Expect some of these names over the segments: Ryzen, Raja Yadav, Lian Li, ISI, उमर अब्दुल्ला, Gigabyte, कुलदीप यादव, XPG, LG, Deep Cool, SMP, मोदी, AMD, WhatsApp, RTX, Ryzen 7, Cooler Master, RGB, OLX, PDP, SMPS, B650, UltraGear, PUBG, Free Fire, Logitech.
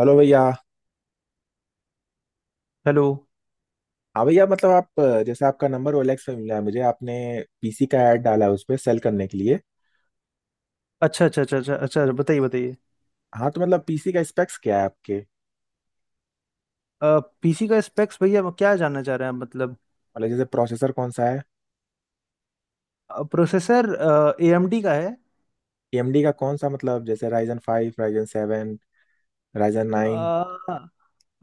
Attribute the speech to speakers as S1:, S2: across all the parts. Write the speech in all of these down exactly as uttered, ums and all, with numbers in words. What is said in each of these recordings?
S1: Hello भैया।
S2: Hello.
S1: हाँ भैया, मतलब आप अ, जैसे आपका नंबर ओएलएक्स पे मिला है, मुझे आपने पीसी का ऐड डाला है उस पे सेल करने के लिए।
S2: अच्छा अच्छा अच्छा अच्छा अच्छा अच्छा, बताइए बताइए।
S1: हाँ तो मतलब पीसी का स्पेक्स क्या है आपके?
S2: पीसी का स्पेक्स भैया वो क्या जानना चाह रहे हैं आप मतलब।
S1: मतलब जैसे प्रोसेसर कौन सा है?
S2: प्रोसेसर ए एम डी का है।
S1: एएमडी का कौन सा, मतलब जैसे Ryzen five, Ryzen seven, Ryzen nine?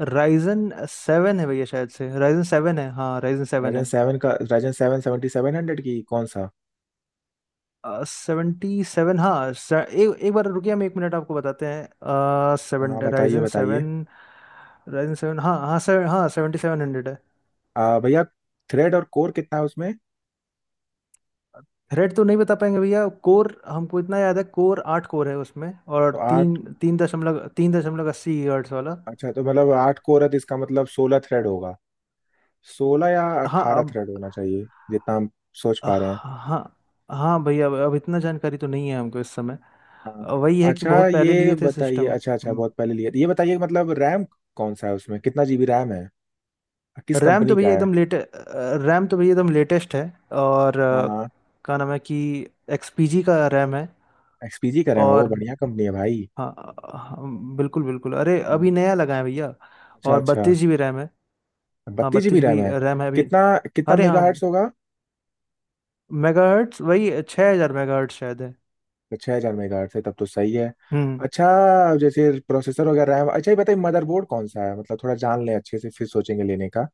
S2: Ryzen seven है भैया शायद से, राइजन सेवन है, हाँ राइजन सेवन
S1: राइजन
S2: है।
S1: सेवन का Ryzen seven seventy seven hundred की कौन सा?
S2: सेवेंटी सेवन हाँ से, एक एक बार रुकिए, हम एक मिनट आपको बताते हैं। सेवन
S1: हाँ, बताइए,
S2: राइजन
S1: बताइए।
S2: सेवन। राइजन सेवन हाँ हाँ से, हाँ सेवेंटी सेवन हंड्रेड।
S1: आ, भैया, थ्रेड और कोर कितना है उसमें?
S2: थ्रेड तो नहीं बता पाएंगे भैया, कोर हमको इतना याद है, कोर आठ कोर है उसमें। और
S1: तो
S2: तीन
S1: आठ।
S2: तीन दशमलव तीन दशमलव अस्सी हर्ट्ज वाला।
S1: अच्छा तो मतलब आठ कोर है तो इसका मतलब सोलह थ्रेड होगा। सोलह या
S2: हाँ
S1: अट्ठारह
S2: अब।
S1: थ्रेड होना चाहिए जितना हम सोच पा रहे हैं।
S2: हाँ। हाँ भैया, अब अब इतना जानकारी तो नहीं है हमको इस समय।
S1: हाँ।
S2: अ, वही है कि
S1: अच्छा
S2: बहुत पहले
S1: ये
S2: लिए थे
S1: बताइए,
S2: सिस्टम।
S1: अच्छा अच्छा, बहुत पहले लिया था। ये बताइए मतलब रैम कौन सा है उसमें, कितना जीबी रैम है, किस
S2: रैम तो
S1: कंपनी का
S2: भैया
S1: है?
S2: एकदम लेटे रैम तो भैया एकदम लेटेस्ट है। और
S1: हाँ
S2: अ,
S1: हाँ,
S2: क्या नाम है कि X P G का रैम है।
S1: एक्सपीजी का रैम है, वो
S2: और
S1: बढ़िया कंपनी है भाई।
S2: हाँ हाँ, बिल्कुल बिल्कुल, अरे
S1: हाँ।
S2: अभी नया लगा है भैया।
S1: अच्छा
S2: और
S1: अच्छा,
S2: बत्तीस जीबी रैम है। हाँ
S1: बत्तीस जीबी
S2: बत्तीस
S1: रैम
S2: जी
S1: है।
S2: रैम है अभी।
S1: कितना कितना
S2: अरे
S1: मेगा
S2: हाँ,
S1: हर्ट्स होगा?
S2: मेगाहर्ट्ज वही छः हज़ार मेगाहर्ट्ज शायद है।
S1: छः हजार मेगा हर्ट्स है तब तो सही है।
S2: हम्म।
S1: अच्छा। जैसे प्रोसेसर वगैरह, रैम, अच्छा ये बताइए मदरबोर्ड कौन सा है, मतलब थोड़ा जान लें अच्छे से फिर सोचेंगे लेने का।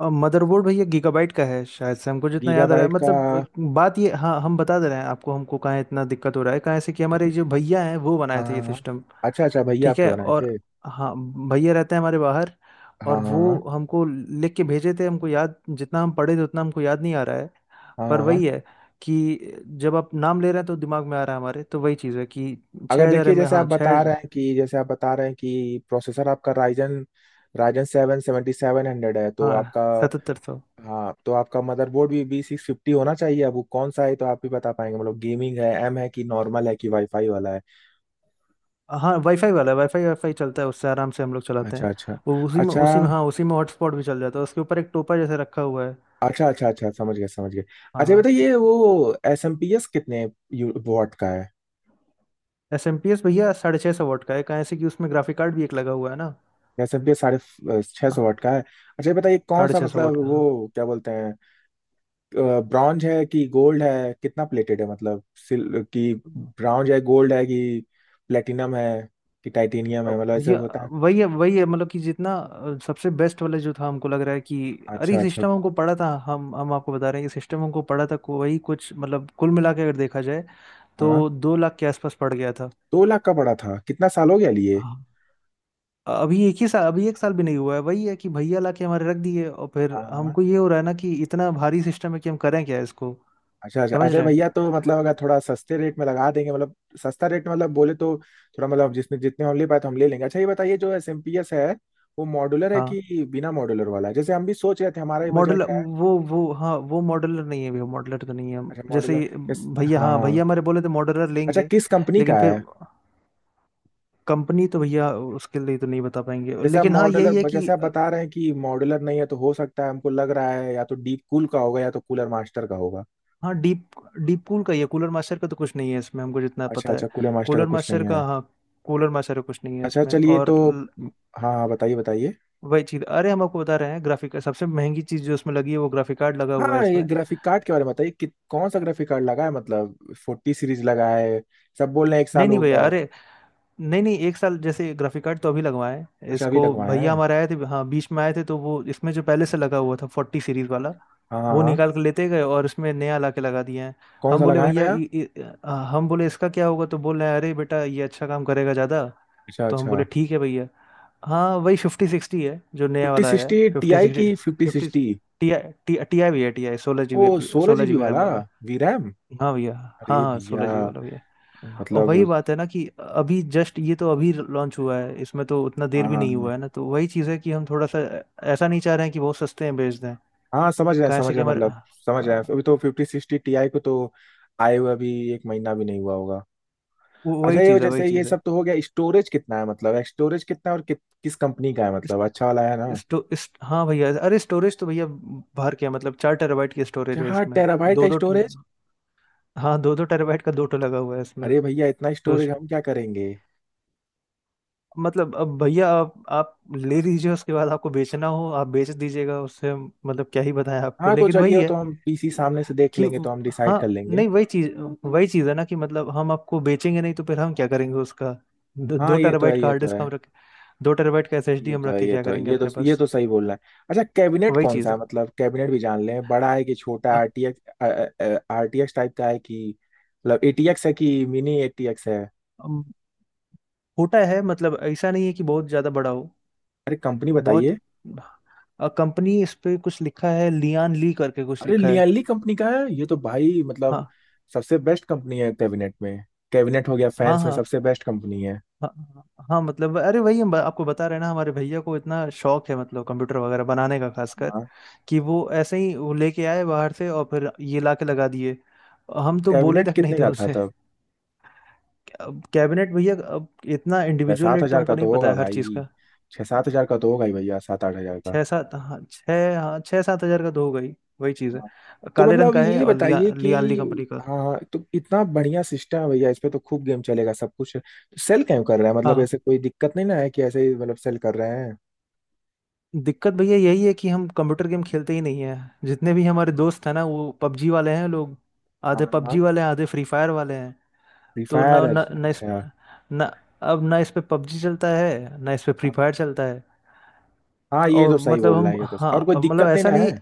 S2: और मदरबोर्ड भैया गीगाबाइट का है शायद से, हमको जितना याद आ रहा है।
S1: गीगाबाइट का,
S2: मतलब
S1: हाँ
S2: अ, बात ये हाँ हम बता दे रहे हैं आपको, हमको कहाँ इतना दिक्कत हो रहा है कहाँ से कि हमारे जो भैया हैं वो बनाए
S1: हाँ,
S2: थे ये
S1: हाँ।
S2: सिस्टम।
S1: अच्छा अच्छा, भैया
S2: ठीक
S1: आपके
S2: है।
S1: बनाए
S2: और
S1: थे?
S2: हाँ भैया रहते हैं हमारे बाहर। और
S1: हाँ हाँ,
S2: वो हमको लिख के भेजे थे, हमको याद जितना हम पढ़े थे उतना हमको याद नहीं आ रहा है।
S1: हाँ
S2: पर
S1: हाँ।
S2: वही है कि जब आप नाम ले रहे हैं तो दिमाग में आ रहा है हमारे, तो वही चीज़ है कि
S1: अगर
S2: छः हज़ार
S1: देखिए,
S2: एम ए,
S1: जैसे
S2: हाँ
S1: आप
S2: छः।
S1: बता रहे हैं कि जैसे आप बता रहे हैं कि प्रोसेसर आपका Ryzen Ryzen seven seventy seven hundred है तो
S2: हाँ
S1: आपका।
S2: सतहत्तर सौ।
S1: हाँ तो आपका मदरबोर्ड भी बी सिक्स फिफ्टी होना चाहिए, अब वो कौन सा है तो आप भी बता पाएंगे, मतलब गेमिंग है, एम है कि नॉर्मल है कि वाईफाई वाला है?
S2: हाँ वाईफाई वाला है, वाईफाई वाईफाई चलता है उससे आराम से, हम लोग चलाते
S1: अच्छा
S2: हैं।
S1: अच्छा,
S2: वो उसी में
S1: अच्छा
S2: उसी में हाँ उसी में हॉटस्पॉट भी चल जाता है, उसके ऊपर एक टोपा जैसे रखा हुआ है।
S1: अच्छा, अच्छा अच्छा, समझ गए, समझ गए। अच्छा
S2: हाँ।
S1: बताइए, ये बताइए वो एस एम पी एस कितने वाट का है?
S2: एस एम पी एस भैया साढ़े छः सौ वाट का है, कहाँ ऐसे कि उसमें ग्राफिक कार्ड भी एक लगा हुआ है ना।
S1: एस एम पी एस साढ़े छः
S2: हाँ,
S1: सौ वाट का है। अच्छा ये बताइए कौन
S2: साढ़े
S1: सा,
S2: छः सौ
S1: मतलब
S2: वाट का हाँ।
S1: वो क्या बोलते हैं, ब्रॉन्ज है कि गोल्ड है, कितना प्लेटेड है मतलब? सिल कि ब्रॉन्ज है, गोल्ड है, कि प्लेटिनम है कि टाइटेनियम है,
S2: अब
S1: मतलब ऐसे
S2: भैया
S1: होता है।
S2: वही है वही है, मतलब कि जितना अ, सबसे बेस्ट वाला जो था हमको लग रहा है कि।
S1: अच्छा
S2: अरे
S1: अच्छा।
S2: सिस्टम हमको पड़ा था, हम हम आपको बता रहे हैं कि सिस्टम हमको पड़ा था को- वही कुछ, मतलब कुल मिला के अगर देखा जाए
S1: हाँ
S2: तो दो लाख के आसपास पड़ गया था।
S1: दो लाख का पड़ा था? कितना साल हो गया लिए?
S2: हाँ। अभी एक ही साल, अभी एक साल भी नहीं हुआ है। वही है कि भैया लाके हमारे रख दिए और फिर
S1: हाँ हाँ।
S2: हमको ये हो रहा है ना कि इतना भारी सिस्टम है कि हम करें क्या इसको।
S1: अच्छा अच्छा,
S2: समझ
S1: अरे
S2: रहे हैं।
S1: भैया तो मतलब अगर थोड़ा सस्ते रेट में लगा देंगे मतलब। सस्ता रेट मतलब बोले तो थोड़ा मतलब जिसने जितने हम ले पाए तो हम ले लेंगे। अच्छा ये बताइए, जो एस एम पी एस है वो मॉड्यूलर है
S2: हाँ
S1: कि बिना मॉड्यूलर वाला है? जैसे हम भी सोच रहे थे, हमारा भी बजट
S2: मॉडल,
S1: है।
S2: वो वो हाँ वो मॉडलर नहीं है भैया, मॉडलर तो नहीं है।
S1: अच्छा
S2: जैसे
S1: मॉड्यूलर।
S2: ये, भैया
S1: हाँ
S2: हाँ
S1: हाँ।
S2: भैया हमारे बोले थे मॉडलर
S1: अच्छा
S2: लेंगे,
S1: किस कंपनी
S2: लेकिन
S1: का
S2: फिर।
S1: है?
S2: कंपनी तो भैया उसके लिए तो नहीं बता पाएंगे,
S1: जैसे आप
S2: लेकिन हाँ यही है
S1: मॉडलर
S2: कि।
S1: जैसे आप बता रहे हैं कि मॉडलर नहीं है तो हो सकता है, हमको लग रहा है या तो डीप कूल का होगा या तो कूलर मास्टर का होगा।
S2: हाँ डीप, डीप कूल का ही है, कूलर मास्टर का तो कुछ नहीं है इसमें हमको जितना
S1: अच्छा
S2: पता है।
S1: अच्छा, कूलर मास्टर का
S2: कूलर
S1: कुछ नहीं
S2: मास्टर का
S1: है।
S2: हाँ, कूलर मास्टर का कुछ नहीं है
S1: अच्छा
S2: इसमें।
S1: चलिए तो,
S2: और
S1: हाँ हाँ, बताइए, बताइए।
S2: वही चीज, अरे हम आपको बता रहे हैं, ग्राफिक सबसे महंगी चीज जो उसमें लगी है वो ग्राफिक कार्ड लगा हुआ है
S1: हाँ, ये
S2: इसमें।
S1: ग्राफिक कार्ड के बारे में बताइए कि कौन सा ग्राफिक कार्ड लगा है, मतलब फोर्टी सीरीज लगा है? सब बोल रहे हैं एक
S2: नहीं
S1: साल
S2: नहीं
S1: हो
S2: भैया,
S1: गया है।
S2: अरे नहीं नहीं, एक साल जैसे ग्राफिक कार्ड तो अभी लगवाए
S1: अच्छा, अभी
S2: इसको।
S1: लगवाया है?
S2: भैया हमारे आए थे, हाँ बीच में आए थे, तो वो इसमें जो पहले से लगा हुआ था फोर्टी सीरीज वाला
S1: हाँ हाँ
S2: वो
S1: हाँ।
S2: निकाल के लेते गए और इसमें नया ला के लगा दिया है।
S1: कौन
S2: हम
S1: सा
S2: बोले
S1: लगा है
S2: भैया
S1: नया?
S2: इ- इ- अ, हम बोले इसका क्या होगा, तो बोल रहे हैं अरे बेटा ये अच्छा काम करेगा ज़्यादा।
S1: अच्छा
S2: तो हम
S1: अच्छा।
S2: बोले ठीक है भैया। हाँ वही फिफ्टी सिक्सटी है जो नया
S1: फिफ्टी
S2: वाला है,
S1: sixty? T
S2: fifty
S1: I
S2: sixty.
S1: की fifty
S2: fifty
S1: sixty?
S2: T I, T T I भी है, टी आई सोलह जी
S1: ओ,
S2: बी,
S1: सोलह
S2: सोलह जी
S1: जीबी
S2: बी रैम
S1: वाला।
S2: वाला।
S1: V RAM?
S2: हाँ भैया। हाँ
S1: अरे
S2: हाँ
S1: भैया
S2: सोलह जी वाला भैया। और वही
S1: मतलब।
S2: बात है ना कि अभी जस्ट ये तो अभी लॉन्च हुआ है, इसमें तो उतना देर
S1: हाँ
S2: भी
S1: हाँ
S2: नहीं
S1: हाँ।
S2: हुआ है ना, तो वही चीज़ है कि हम थोड़ा सा ऐसा नहीं चाह रहे हैं कि बहुत सस्ते में बेच दें।
S1: हाँ, समझ रहे हैं,
S2: कहाँ से
S1: समझ
S2: कि
S1: रहे हैं
S2: हमारे।
S1: मतलब, समझ रहे हैं,
S2: हाँ
S1: अभी तो फिफ्टी सिक्सटी टीआई को तो आए हुए अभी एक महीना भी नहीं हुआ होगा।
S2: वो
S1: अच्छा
S2: वही
S1: ये
S2: चीज़ है,
S1: वजह
S2: वही
S1: से, ये
S2: चीज़ है।
S1: सब तो हो गया। स्टोरेज कितना है, मतलब स्टोरेज कितना है, और कि, किस कंपनी का है,
S2: इस,
S1: मतलब अच्छा वाला है ना?
S2: इस, तो, इस हाँ भैया, अरे स्टोरेज तो भैया बाहर क्या, मतलब चार टेराबाइट की स्टोरेज है
S1: चार
S2: इसमें।
S1: टेराबाइट
S2: दो
S1: का
S2: दो
S1: स्टोरेज?
S2: हाँ दो दो टेराबाइट का दो ठो लगा हुआ है इसमें।
S1: अरे भैया, इतना
S2: तो उस-
S1: स्टोरेज हम क्या करेंगे?
S2: मतलब अब भैया आप आप ले लीजिए, उसके बाद आपको बेचना हो आप बेच दीजिएगा, उससे हम- मतलब क्या ही बताएं आपको,
S1: हाँ तो
S2: लेकिन
S1: चलिए,
S2: वही
S1: वो
S2: है
S1: तो हम पीसी
S2: कि,
S1: सामने से देख
S2: कि
S1: लेंगे तो हम डिसाइड
S2: हाँ
S1: कर लेंगे।
S2: नहीं वही चीज। वही चीज है ना कि मतलब हम आपको बेचेंगे नहीं तो फिर हम क्या करेंगे उसका। दो, दो
S1: हाँ, ये तो
S2: टेराबाइट
S1: है,
S2: का
S1: ये
S2: हार्ड
S1: तो
S2: डिस्क
S1: है,
S2: हम रखे, दो टेराबाइट का एसएसडी
S1: ये
S2: हम
S1: तो
S2: रख
S1: है,
S2: के
S1: ये
S2: क्या
S1: तो है।
S2: करेंगे
S1: ये तो
S2: अपने
S1: ये
S2: पास।
S1: तो सही बोल रहा है। अच्छा, कैबिनेट
S2: वही
S1: कौन सा
S2: चीज
S1: है,
S2: है।
S1: मतलब कैबिनेट भी जान लें, बड़ा है कि छोटा?
S2: अ-
S1: आरटीएक्स आरटीएक्स टाइप का है कि, मतलब एटीएक्स है कि मिनी एटीएक्स है?
S2: अम, छोटा है, मतलब ऐसा नहीं है कि बहुत ज्यादा बड़ा हो।
S1: अरे कंपनी
S2: बहुत।
S1: बताइए।
S2: कंपनी इस पे कुछ लिखा है, लियान ली करके कुछ
S1: अरे
S2: लिखा है।
S1: लियाली कंपनी का है ये तो भाई, मतलब
S2: हाँ
S1: सबसे बेस्ट कंपनी है कैबिनेट में। कैबिनेट हो गया,
S2: हाँ
S1: फैंस में
S2: हाँ
S1: सबसे बेस्ट कंपनी है।
S2: हाँ हाँ, मतलब अरे वही हम ब- आपको बता रहे हैं ना, हमारे भैया को इतना शौक है मतलब कंप्यूटर वगैरह बनाने का खासकर,
S1: हाँ।
S2: कि वो ऐसे ही वो लेके आए बाहर से और फिर ये लाके लगा दिए, हम तो बोले
S1: कैबिनेट
S2: तक नहीं
S1: कितने
S2: थे
S1: का था
S2: उनसे।
S1: तब?
S2: अब कैबिनेट भैया, अब इतना
S1: छह
S2: इंडिविजुअल
S1: सात
S2: रेट तो
S1: हजार का
S2: हमको नहीं
S1: तो
S2: पता
S1: होगा
S2: है हर चीज़
S1: भाई,
S2: का।
S1: छह सात
S2: हाँ,
S1: हजार का तो होगा ही भैया, सात आठ हजार का।
S2: छः सात हाँ छः हाँ, छः सात हज़ार का तो हो गई। वही चीज़ है।
S1: हाँ। तो
S2: काले रंग
S1: मतलब
S2: का है,
S1: ये
S2: और लिया
S1: बताइए कि,
S2: लियाली कंपनी का।
S1: हाँ तो इतना बढ़िया सिस्टम है भैया, इस पे तो खूब गेम चलेगा, सब कुछ है। तो सेल क्यों कर रहा है, मतलब
S2: हाँ,
S1: ऐसे कोई दिक्कत नहीं ना है कि ऐसे ही मतलब सेल कर रहे हैं?
S2: दिक्कत भैया यही है कि हम कंप्यूटर गेम खेलते ही नहीं है। जितने भी हमारे दोस्त हैं ना वो पबजी वाले हैं लोग,
S1: हाँ
S2: आधे पबजी
S1: हाँ,
S2: वाले हैं आधे फ्री फायर वाले हैं।
S1: फ्री
S2: तो
S1: फायर
S2: ना ना ना इस
S1: अच्छा।
S2: ना अब ना इस पे पबजी चलता है, ना इस पे फ्री
S1: हाँ
S2: फायर चलता है।
S1: हाँ, ये तो
S2: और
S1: सही
S2: मतलब
S1: बोल रहा
S2: हम
S1: है ये तो, और
S2: हाँ
S1: कोई
S2: मतलब
S1: दिक्कत नहीं
S2: ऐसा
S1: ना
S2: नहीं,
S1: है?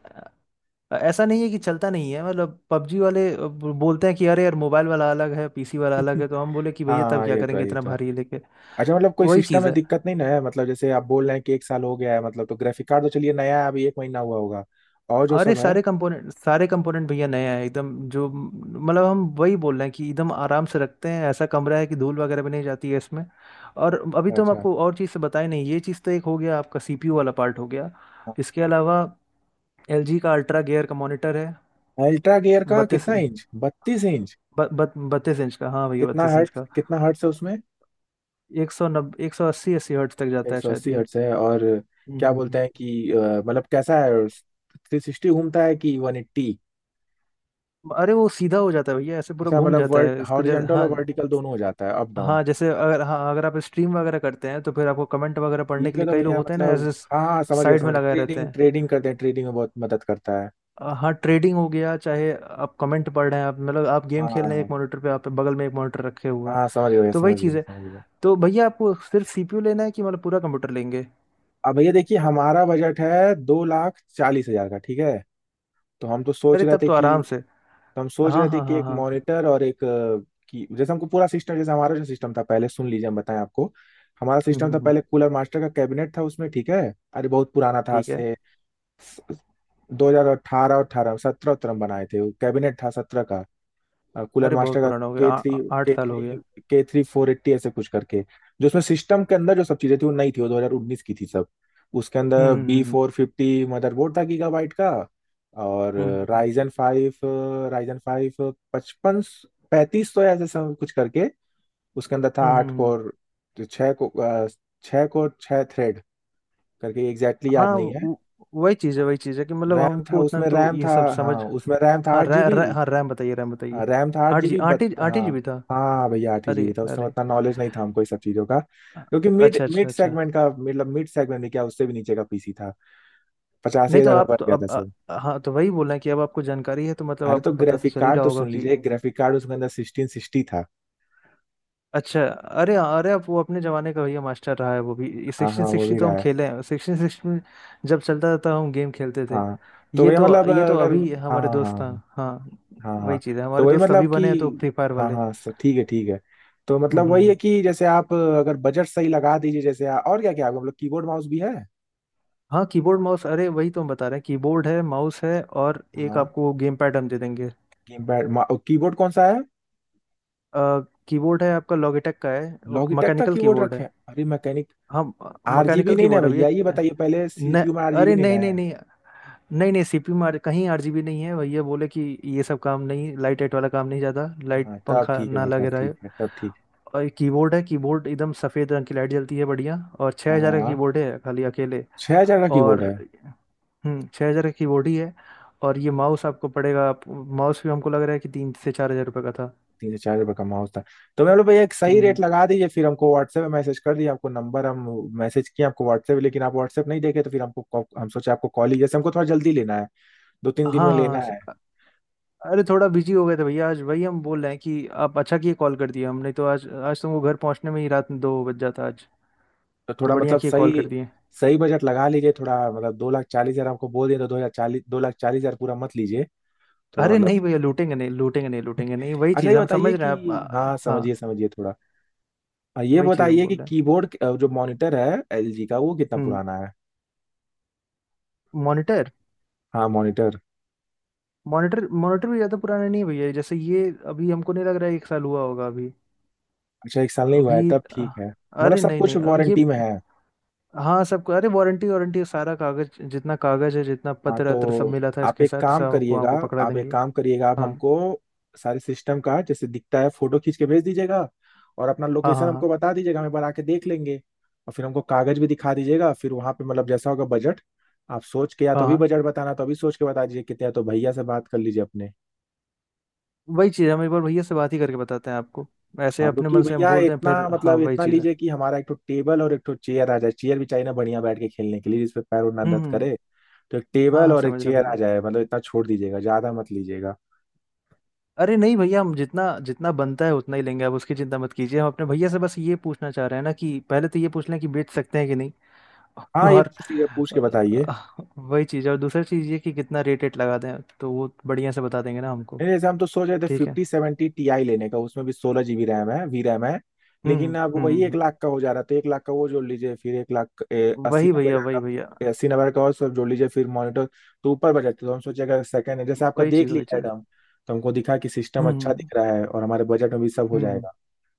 S2: ऐसा नहीं है कि चलता नहीं है, मतलब पबजी वाले अब बोलते हैं कि अरे यार मोबाइल वाला अलग है पीसी वाला अलग है, तो हम बोले कि भैया तब
S1: हाँ,
S2: क्या
S1: ये तो
S2: करेंगे
S1: है, ये
S2: इतना
S1: तो है।
S2: भारी लेके।
S1: अच्छा मतलब कोई
S2: वही
S1: सिस्टम
S2: चीज़
S1: में
S2: है,
S1: दिक्कत नहीं ना है मतलब, जैसे आप बोल रहे हैं कि एक साल हो गया है मतलब, तो ग्राफिक कार्ड तो चलिए नया है अभी एक महीना हुआ होगा, और जो
S2: अरे
S1: सब है।
S2: सारे कंपोनेंट सारे कंपोनेंट भैया नए हैं एकदम जो, मतलब हम वही बोल रहे हैं कि एकदम आराम से रखते हैं, ऐसा कमरा है कि धूल वगैरह भी नहीं जाती है इसमें। और अभी तो हम
S1: अच्छा,
S2: आपको और चीज़ से बताए नहीं, ये चीज़ तो एक हो गया आपका सीपीयू वाला पार्ट हो गया। इसके अलावा एलजी का अल्ट्रा गियर का मॉनिटर है।
S1: अल्ट्रा गियर का?
S2: बत्तीस
S1: कितना इंच, बत्तीस इंच?
S2: ब, ब, बत्तीस इंच का हाँ भैया,
S1: कितना
S2: बत्तीस इंच
S1: हर्ट्स
S2: का।
S1: कितना हर्ट्स है उसमें?
S2: एक सौ नब्बे एक सौ अस्सी, अस्सी हर्ट्ज तक जाता
S1: एक
S2: है
S1: सौ
S2: शायद
S1: अस्सी
S2: ये।
S1: हर्ट्स है और
S2: हम्म।
S1: क्या बोलते
S2: हम्म,
S1: हैं कि अ, मतलब कैसा है, थ्री सिक्सटी घूमता है कि वन एट्टी?
S2: हम्म। अरे वो सीधा हो जाता है भैया, ऐसे पूरा
S1: अच्छा
S2: घूम
S1: मतलब
S2: जाता है
S1: वर्ट
S2: इसको जैसे
S1: हॉरिजेंटल और
S2: हाँ।
S1: वर्टिकल दोनों हो जाता है, अप डाउन?
S2: हाँ जैसे अगर हाँ, अगर आप स्ट्रीम वगैरह करते हैं तो फिर आपको कमेंट वगैरह पढ़ने
S1: ठीक
S2: के
S1: है
S2: लिए
S1: तो
S2: कई लोग
S1: भैया
S2: होते हैं ना,
S1: मतलब,
S2: ऐसे
S1: हाँ हाँ, समझ गया,
S2: साइड में
S1: समझ गया।
S2: लगाए रहते
S1: ट्रेडिंग
S2: हैं।
S1: ट्रेडिंग करते हैं, ट्रेडिंग में बहुत मदद करता है।
S2: अ, हाँ ट्रेडिंग हो गया, चाहे आप कमेंट पढ़ रहे हैं आप, मतलब आप गेम
S1: हाँ
S2: खेल रहे हैं
S1: हाँ,
S2: एक मॉनिटर पे, आप बगल में एक मॉनिटर रखे हुए
S1: हाँ
S2: हैं।
S1: हाँ, समझ गया भैया,
S2: तो वही
S1: समझ गया,
S2: चीज़ है।
S1: समझ गया।
S2: तो भैया आपको सिर्फ सीपीयू लेना है कि मतलब पूरा कंप्यूटर लेंगे।
S1: अब भैया देखिए हमारा बजट है दो लाख चालीस हजार का, ठीक है। तो हम तो सोच
S2: अरे
S1: रहे
S2: तब
S1: थे
S2: तो
S1: कि
S2: आराम से।
S1: तो हम सोच
S2: हाँ
S1: रहे थे
S2: हाँ
S1: कि
S2: हाँ
S1: एक
S2: हाँ।
S1: मॉनिटर और एक अ, की, जैसे हमको पूरा सिस्टम, जैसे हमारा जो सिस्टम था पहले सुन लीजिए, हम बताएं आपको। हमारा
S2: हम्म
S1: सिस्टम
S2: हम्म
S1: था
S2: हम्म,
S1: पहले,
S2: हम्म।
S1: कूलर मास्टर का कैबिनेट था उसमें, ठीक है। अरे बहुत पुराना था, आज
S2: ठीक है।
S1: से दो हज़ार अठारह और अठारह अठारह सत्रह उत्रह में बनाए थे। वो कैबिनेट था सत्रह का, अ, कूलर
S2: अरे
S1: मास्टर
S2: बहुत
S1: का।
S2: पुराना हो गया,
S1: के
S2: आ-
S1: थ्री
S2: आ- आठ
S1: के
S2: साल हो गया।
S1: थ्री के थ्री फोर एट्टी ऐसे कुछ करके। जो उसमें सिस्टम के अंदर जो सब चीजें थी वो नई थी, वो दो हज़ार उन्नीस की थी सब। उसके अंदर
S2: हम्म
S1: बी
S2: हम्म
S1: फोर फिफ्टी मदरबोर्ड था गीगाबाइट का। और
S2: हम्म हम्म हम्म, हम्म,
S1: राइजन फाइव राइजन फाइव पचपन पैंतीस सौ ऐसे सब कुछ करके। उसके अंदर था
S2: हम्म, हम्म,
S1: आठ
S2: हम्म, हम्म।
S1: कोर, तो छः को अ, छः कोर, छः थ्रेड करके, एग्जैक्टली याद
S2: हाँ
S1: नहीं है।
S2: वो- वही चीज़ है, वही चीज़ है कि मतलब
S1: रैम था
S2: हमको उतना
S1: उसमें,
S2: तो
S1: रैम
S2: ये
S1: था,
S2: सब समझ।
S1: हाँ उसमें रैम था
S2: हाँ
S1: आठ
S2: रैम,
S1: जीबी
S2: रै, रै- हाँ रैम बताइए, रैम
S1: हाँ,
S2: बताइए।
S1: रैम था आठ
S2: आठ जी,
S1: जीबी बट।
S2: आठ ही आठ ही
S1: हाँ
S2: जी बी था।
S1: हाँ भैया, आठ ही
S2: अरे
S1: जीबी था। उसमें
S2: अरे
S1: उतना नॉलेज नहीं था हमको ये सब चीज़ों का,
S2: अ-
S1: क्योंकि मिड
S2: अच्छा अच्छा
S1: मिड
S2: अच्छा।
S1: सेगमेंट का मतलब, मिड सेगमेंट में क्या, उससे भी नीचे का पीसी था। पचासी
S2: नहीं तो
S1: हजार में
S2: आप
S1: बन
S2: तो
S1: गया था
S2: अब
S1: सब।
S2: अ- हाँ, तो वही बोल रहे हैं कि अब आपको जानकारी है तो मतलब
S1: अरे तो
S2: आपको पता तो
S1: ग्राफिक
S2: चल ही
S1: कार्ड
S2: रहा
S1: तो
S2: होगा
S1: सुन
S2: कि।
S1: लीजिए, ग्राफिक कार्ड उसके अंदर सिक्सटीन सिक्सटी था।
S2: अच्छा अरे अरे, आप वो अपने ज़माने का भैया मास्टर रहा है वो भी,
S1: हाँ हाँ,
S2: सिक्सटीन
S1: वो
S2: सिक्सटी
S1: भी
S2: तो
S1: रहा
S2: हम
S1: है।
S2: खेले हैं, सिक्सटीन सिक्सटी में जब चलता था हम गेम खेलते थे।
S1: हाँ तो
S2: ये
S1: भैया
S2: तो
S1: मतलब
S2: ये तो
S1: अगर।
S2: अभी
S1: हाँ
S2: हमारे
S1: हाँ,
S2: दोस्त
S1: हाँ
S2: था। हाँ
S1: हाँ,
S2: वही
S1: हाँ
S2: चीज़ है,
S1: तो
S2: हमारे
S1: वही
S2: दोस्त अभी
S1: मतलब कि,
S2: बने हैं तो फ्री फायर
S1: हाँ
S2: वाले।
S1: हाँ सर, ठीक है, ठीक है। तो
S2: हम्म
S1: मतलब
S2: हम्म,
S1: वही है
S2: हम्म।
S1: कि जैसे आप अगर बजट सही लगा दीजिए, जैसे और क्या क्या है आपको, मतलब कीबोर्ड माउस भी है?
S2: हाँ कीबोर्ड माउस, अरे वही तो हम बता रहे हैं, कीबोर्ड है माउस है और एक
S1: हाँ,
S2: आपको गेम पैड हम दे देंगे।
S1: कीपैड? कीबोर्ड कौन सा है?
S2: आ, कीबोर्ड है आपका लॉगिटेक का है, वो
S1: लॉगिटेक का
S2: मैकेनिकल
S1: कीबोर्ड
S2: कीबोर्ड
S1: रखे
S2: है।
S1: हैं? अरे, मैकेनिक।
S2: हाँ
S1: आरजीबी
S2: मैकेनिकल
S1: नहीं ना है
S2: कीबोर्ड है
S1: भैया, ये
S2: भैया।
S1: बताइए पहले
S2: न
S1: सीपीयू में आरजीबी
S2: अरे
S1: नहीं ना
S2: नहीं नहीं
S1: है?
S2: नहीं, नहीं नहीं सीपीयू में आर- कहीं आरजीबी नहीं है भैया, बोले कि ये सब काम नहीं, लाइट वाइट वाला काम नहीं ज़्यादा, लाइट
S1: हाँ तब
S2: पंखा
S1: ठीक
S2: ना
S1: है,
S2: लगे
S1: तब
S2: रहे।
S1: ठीक है, तब ठीक
S2: और कीबोर्ड है, कीबोर्ड एकदम सफ़ेद रंग की लाइट जलती है बढ़िया, और
S1: है।
S2: छः हज़ार का
S1: हाँ,
S2: कीबोर्ड है खाली अकेले।
S1: छह हजार का कीबोर्ड
S2: और
S1: है।
S2: हम्म, छः हज़ार का कीबोर्ड ही है। और ये माउस आपको पड़ेगा आप- माउस भी हमको लग रहा है कि तीन से चार हज़ार रुपये का था।
S1: तीन से चार हजार का माउस था। तो मैं बोला भैया एक सही
S2: हम्म।
S1: रेट लगा दीजिए, फिर हमको व्हाट्सएप में मैसेज कर दिए। आपको नंबर हम मैसेज किए आपको व्हाट्सएप, लेकिन आप व्हाट्सएप नहीं देखे तो फिर हमको कॉल- हम सोचे आपको कॉल ही, जैसे हमको थोड़ा जल्दी लेना है, दो तीन
S2: हाँ
S1: दिन में
S2: हाँ
S1: लेना
S2: हाँ, स-
S1: है।
S2: अरे थोड़ा बिजी हो गए थे भैया आज, वही हम बोल रहे हैं कि आप अच्छा किए कॉल कर दिए, हमने तो आज आज तुमको घर पहुंचने में ही रात दो बज जाता आज,
S1: तो
S2: तो
S1: थोड़ा
S2: बढ़िया
S1: मतलब
S2: किए कॉल
S1: सही,
S2: कर दिए।
S1: सही बजट लगा लीजिए थोड़ा मतलब। दो लाख चालीस हजार हमको बोल दिया तो, दो हजार चालीस, दो लाख चालीस हजार पूरा मत लीजिए, थोड़ा
S2: अरे
S1: मतलब।
S2: नहीं भैया, लूटेंगे नहीं लूटेंगे नहीं लूटेंगे नहीं वही
S1: अच्छा
S2: चीज़
S1: ये
S2: हम समझ
S1: बताइए
S2: रहे हैं आप
S1: कि,
S2: आ,
S1: हाँ समझिए,
S2: हाँ।
S1: समझिए थोड़ा, अ, ये
S2: वही चीज़ हम
S1: बताइए कि
S2: बोल रहे हैं।
S1: कीबोर्ड अ, जो मॉनिटर है एलजी का वो कितना
S2: हम्म।
S1: पुराना है?
S2: मॉनिटर
S1: हाँ, मॉनिटर।
S2: मॉनिटर मॉनिटर भी ज़्यादा पुराना नहीं है भैया जैसे ये, अभी हमको नहीं लग रहा है एक साल हुआ होगा अभी।
S1: अच्छा एक साल नहीं हुआ
S2: अभी
S1: है, तब
S2: अ,
S1: ठीक है। मतलब
S2: अरे
S1: सब
S2: नहीं
S1: कुछ
S2: नहीं अब ये,
S1: वारंटी में है?
S2: हाँ सबको अरे वारंटी, वारंटी सारा कागज जितना कागज है जितना
S1: हाँ
S2: पत्र अत्र सब
S1: तो,
S2: मिला था
S1: आप
S2: इसके
S1: एक
S2: साथ,
S1: काम
S2: सबको
S1: करिएगा
S2: आपको पकड़ा
S1: आप एक
S2: देंगे।
S1: काम करिएगा, आप
S2: हाँ
S1: हमको सारे सिस्टम का जैसे दिखता है फोटो खींच के भेज दीजिएगा। और अपना
S2: हाँ
S1: लोकेशन
S2: हाँ
S1: हमको
S2: हाँ
S1: बता दीजिएगा, हम एक बार आके देख लेंगे। और फिर हमको कागज भी दिखा दीजिएगा, फिर वहां पे मतलब जैसा होगा बजट। आप सोच के, या तो
S2: हाँ
S1: अभी
S2: हाँ।
S1: बजट बताना तो अभी सोच के बता दीजिए कितने है, तो भैया से बात कर लीजिए अपने।
S2: वही चीज़ है, हम एक बार भैया से बात ही करके बताते हैं आपको, ऐसे
S1: हाँ,
S2: अपने
S1: क्योंकि
S2: मन से हम
S1: भैया
S2: बोल दें
S1: इतना
S2: फिर, हाँ
S1: मतलब,
S2: वही
S1: इतना
S2: चीज़ है।
S1: लीजिए कि हमारा एक तो टेबल और एक तो चेयर आ जाए, चेयर भी चाहिए ना बढ़िया बैठ के खेलने के लिए, जिसपे पैर उड़ ना
S2: हम्म
S1: दर्द
S2: हम्म।
S1: करे। तो एक
S2: हाँ
S1: टेबल
S2: हाँ
S1: और एक
S2: समझ रहा
S1: चेयर
S2: भैया,
S1: आ जाए मतलब, इतना छोड़ दीजिएगा, ज्यादा मत लीजिएगा।
S2: अरे नहीं भैया हम जितना जितना बनता है उतना ही लेंगे, आप उसकी चिंता मत कीजिए। हम अपने भैया से बस ये पूछना चाह रहे हैं ना कि पहले तो ये पूछ लें कि बेच सकते हैं कि नहीं।
S1: हाँ, ये
S2: और
S1: पूछ लीजिए, पूछ के बताइए।
S2: अ, वही चीज़ है, और दूसरी चीज़ ये कि कितना रेट रेट लगा दें, तो वो बढ़िया से बता देंगे ना हमको।
S1: नहीं, जैसे हम तो सोच रहे थे
S2: ठीक है।
S1: फिफ्टी सेवेंटी ti लेने का, उसमें भी सोलह जीबी रैम है, वी रैम है।
S2: हम्म
S1: लेकिन अब
S2: हम्म
S1: वही एक
S2: हम्म।
S1: लाख का हो जा रहा था, एक लाख का वो जोड़ लीजिए फिर। एक लाख ए,
S2: हम्म।
S1: अस्सी
S2: वही
S1: नब्बे
S2: भैया वही
S1: हजार
S2: भैया।
S1: का, अस्सी नब्बे का और सब जोड़ लीजिए फिर मॉनिटर। तो ऊपर बजट तो हम सोचे, अगर सेकंड है जैसे आपका,
S2: वही
S1: देख
S2: चीज वही
S1: लिया
S2: चीज।
S1: एडम तो हमको दिखा कि सिस्टम
S2: हम्म
S1: अच्छा
S2: हम्म
S1: दिख रहा है और हमारे बजट में भी सब हो
S2: हम्म। हम्म।
S1: जाएगा।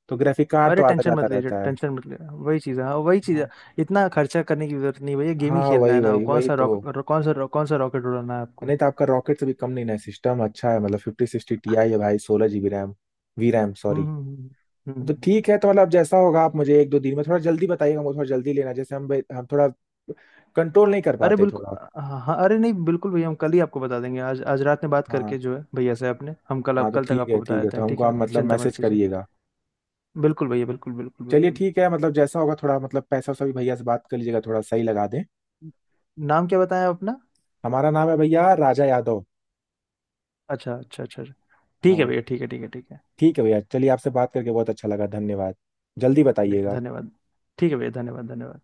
S1: तो ग्राफिक कार्ड तो
S2: अरे
S1: आता
S2: टेंशन
S1: जाता
S2: मत लीजिए,
S1: रहता है।
S2: टेंशन मत लीजिए, वही चीज है हाँ वही चीज है।
S1: हाँ
S2: इतना खर्चा करने की जरूरत नहीं भैया, गेम ही
S1: हाँ,
S2: खेलना
S1: वही
S2: है ना,
S1: वही
S2: कौन
S1: वही
S2: सा रॉक
S1: तो।
S2: रो- कौन सा रो- कौन सा रॉकेट उड़ाना है आपको।
S1: नहीं तो आपका रॉकेट से भी कम नहीं है सिस्टम, अच्छा है मतलब। फिफ्टी सिक्सटी ti है भाई, सोलह जीबी रैम, वी रैम
S2: हम्म
S1: सॉरी।
S2: हम्म हम्म, हम्म। हम्म,
S1: तो
S2: हम्म।
S1: ठीक है, तो मतलब अब जैसा होगा आप मुझे एक दो दिन में थोड़ा जल्दी बताइएगा, मुझे थोड़ा जल्दी लेना, जैसे हम भाई- हम थोड़ा कंट्रोल नहीं कर
S2: अरे
S1: पाते थोड़ा।
S2: बिल्कुल। हाँ हाँ, अरे नहीं बिल्कुल भैया, हम कल ही आपको बता देंगे, आज आज रात में बात
S1: हाँ
S2: करके जो है भैया से आपने, हम कल
S1: हाँ,
S2: आप
S1: तो
S2: कल तक
S1: ठीक है,
S2: आपको बता
S1: ठीक है,
S2: देते
S1: तो
S2: हैं,
S1: हमको
S2: ठीक
S1: आप
S2: है
S1: मतलब
S2: चिंता मत
S1: मैसेज
S2: कीजिए।
S1: करिएगा।
S2: बिल्कुल भैया, बिल्कुल बिल्कुल
S1: चलिए
S2: बिल्कुल।
S1: ठीक है मतलब, जैसा होगा थोड़ा मतलब, पैसा वैसा भी भैया से बात कर लीजिएगा, थोड़ा सही लगा दें।
S2: नाम क्या बताया अपना।
S1: हमारा नाम है भैया राजा यादव।
S2: अच्छा अच्छा अच्छा अच्छा। ठीक है
S1: हाँ,
S2: भैया, ठीक है ठीक है ठीक है।
S1: ठीक है भैया, चलिए आपसे बात करके बहुत अच्छा लगा, धन्यवाद, जल्दी
S2: चलिए
S1: बताइएगा।
S2: धन्यवाद, ठीक है भैया, धन्यवाद धन्यवाद।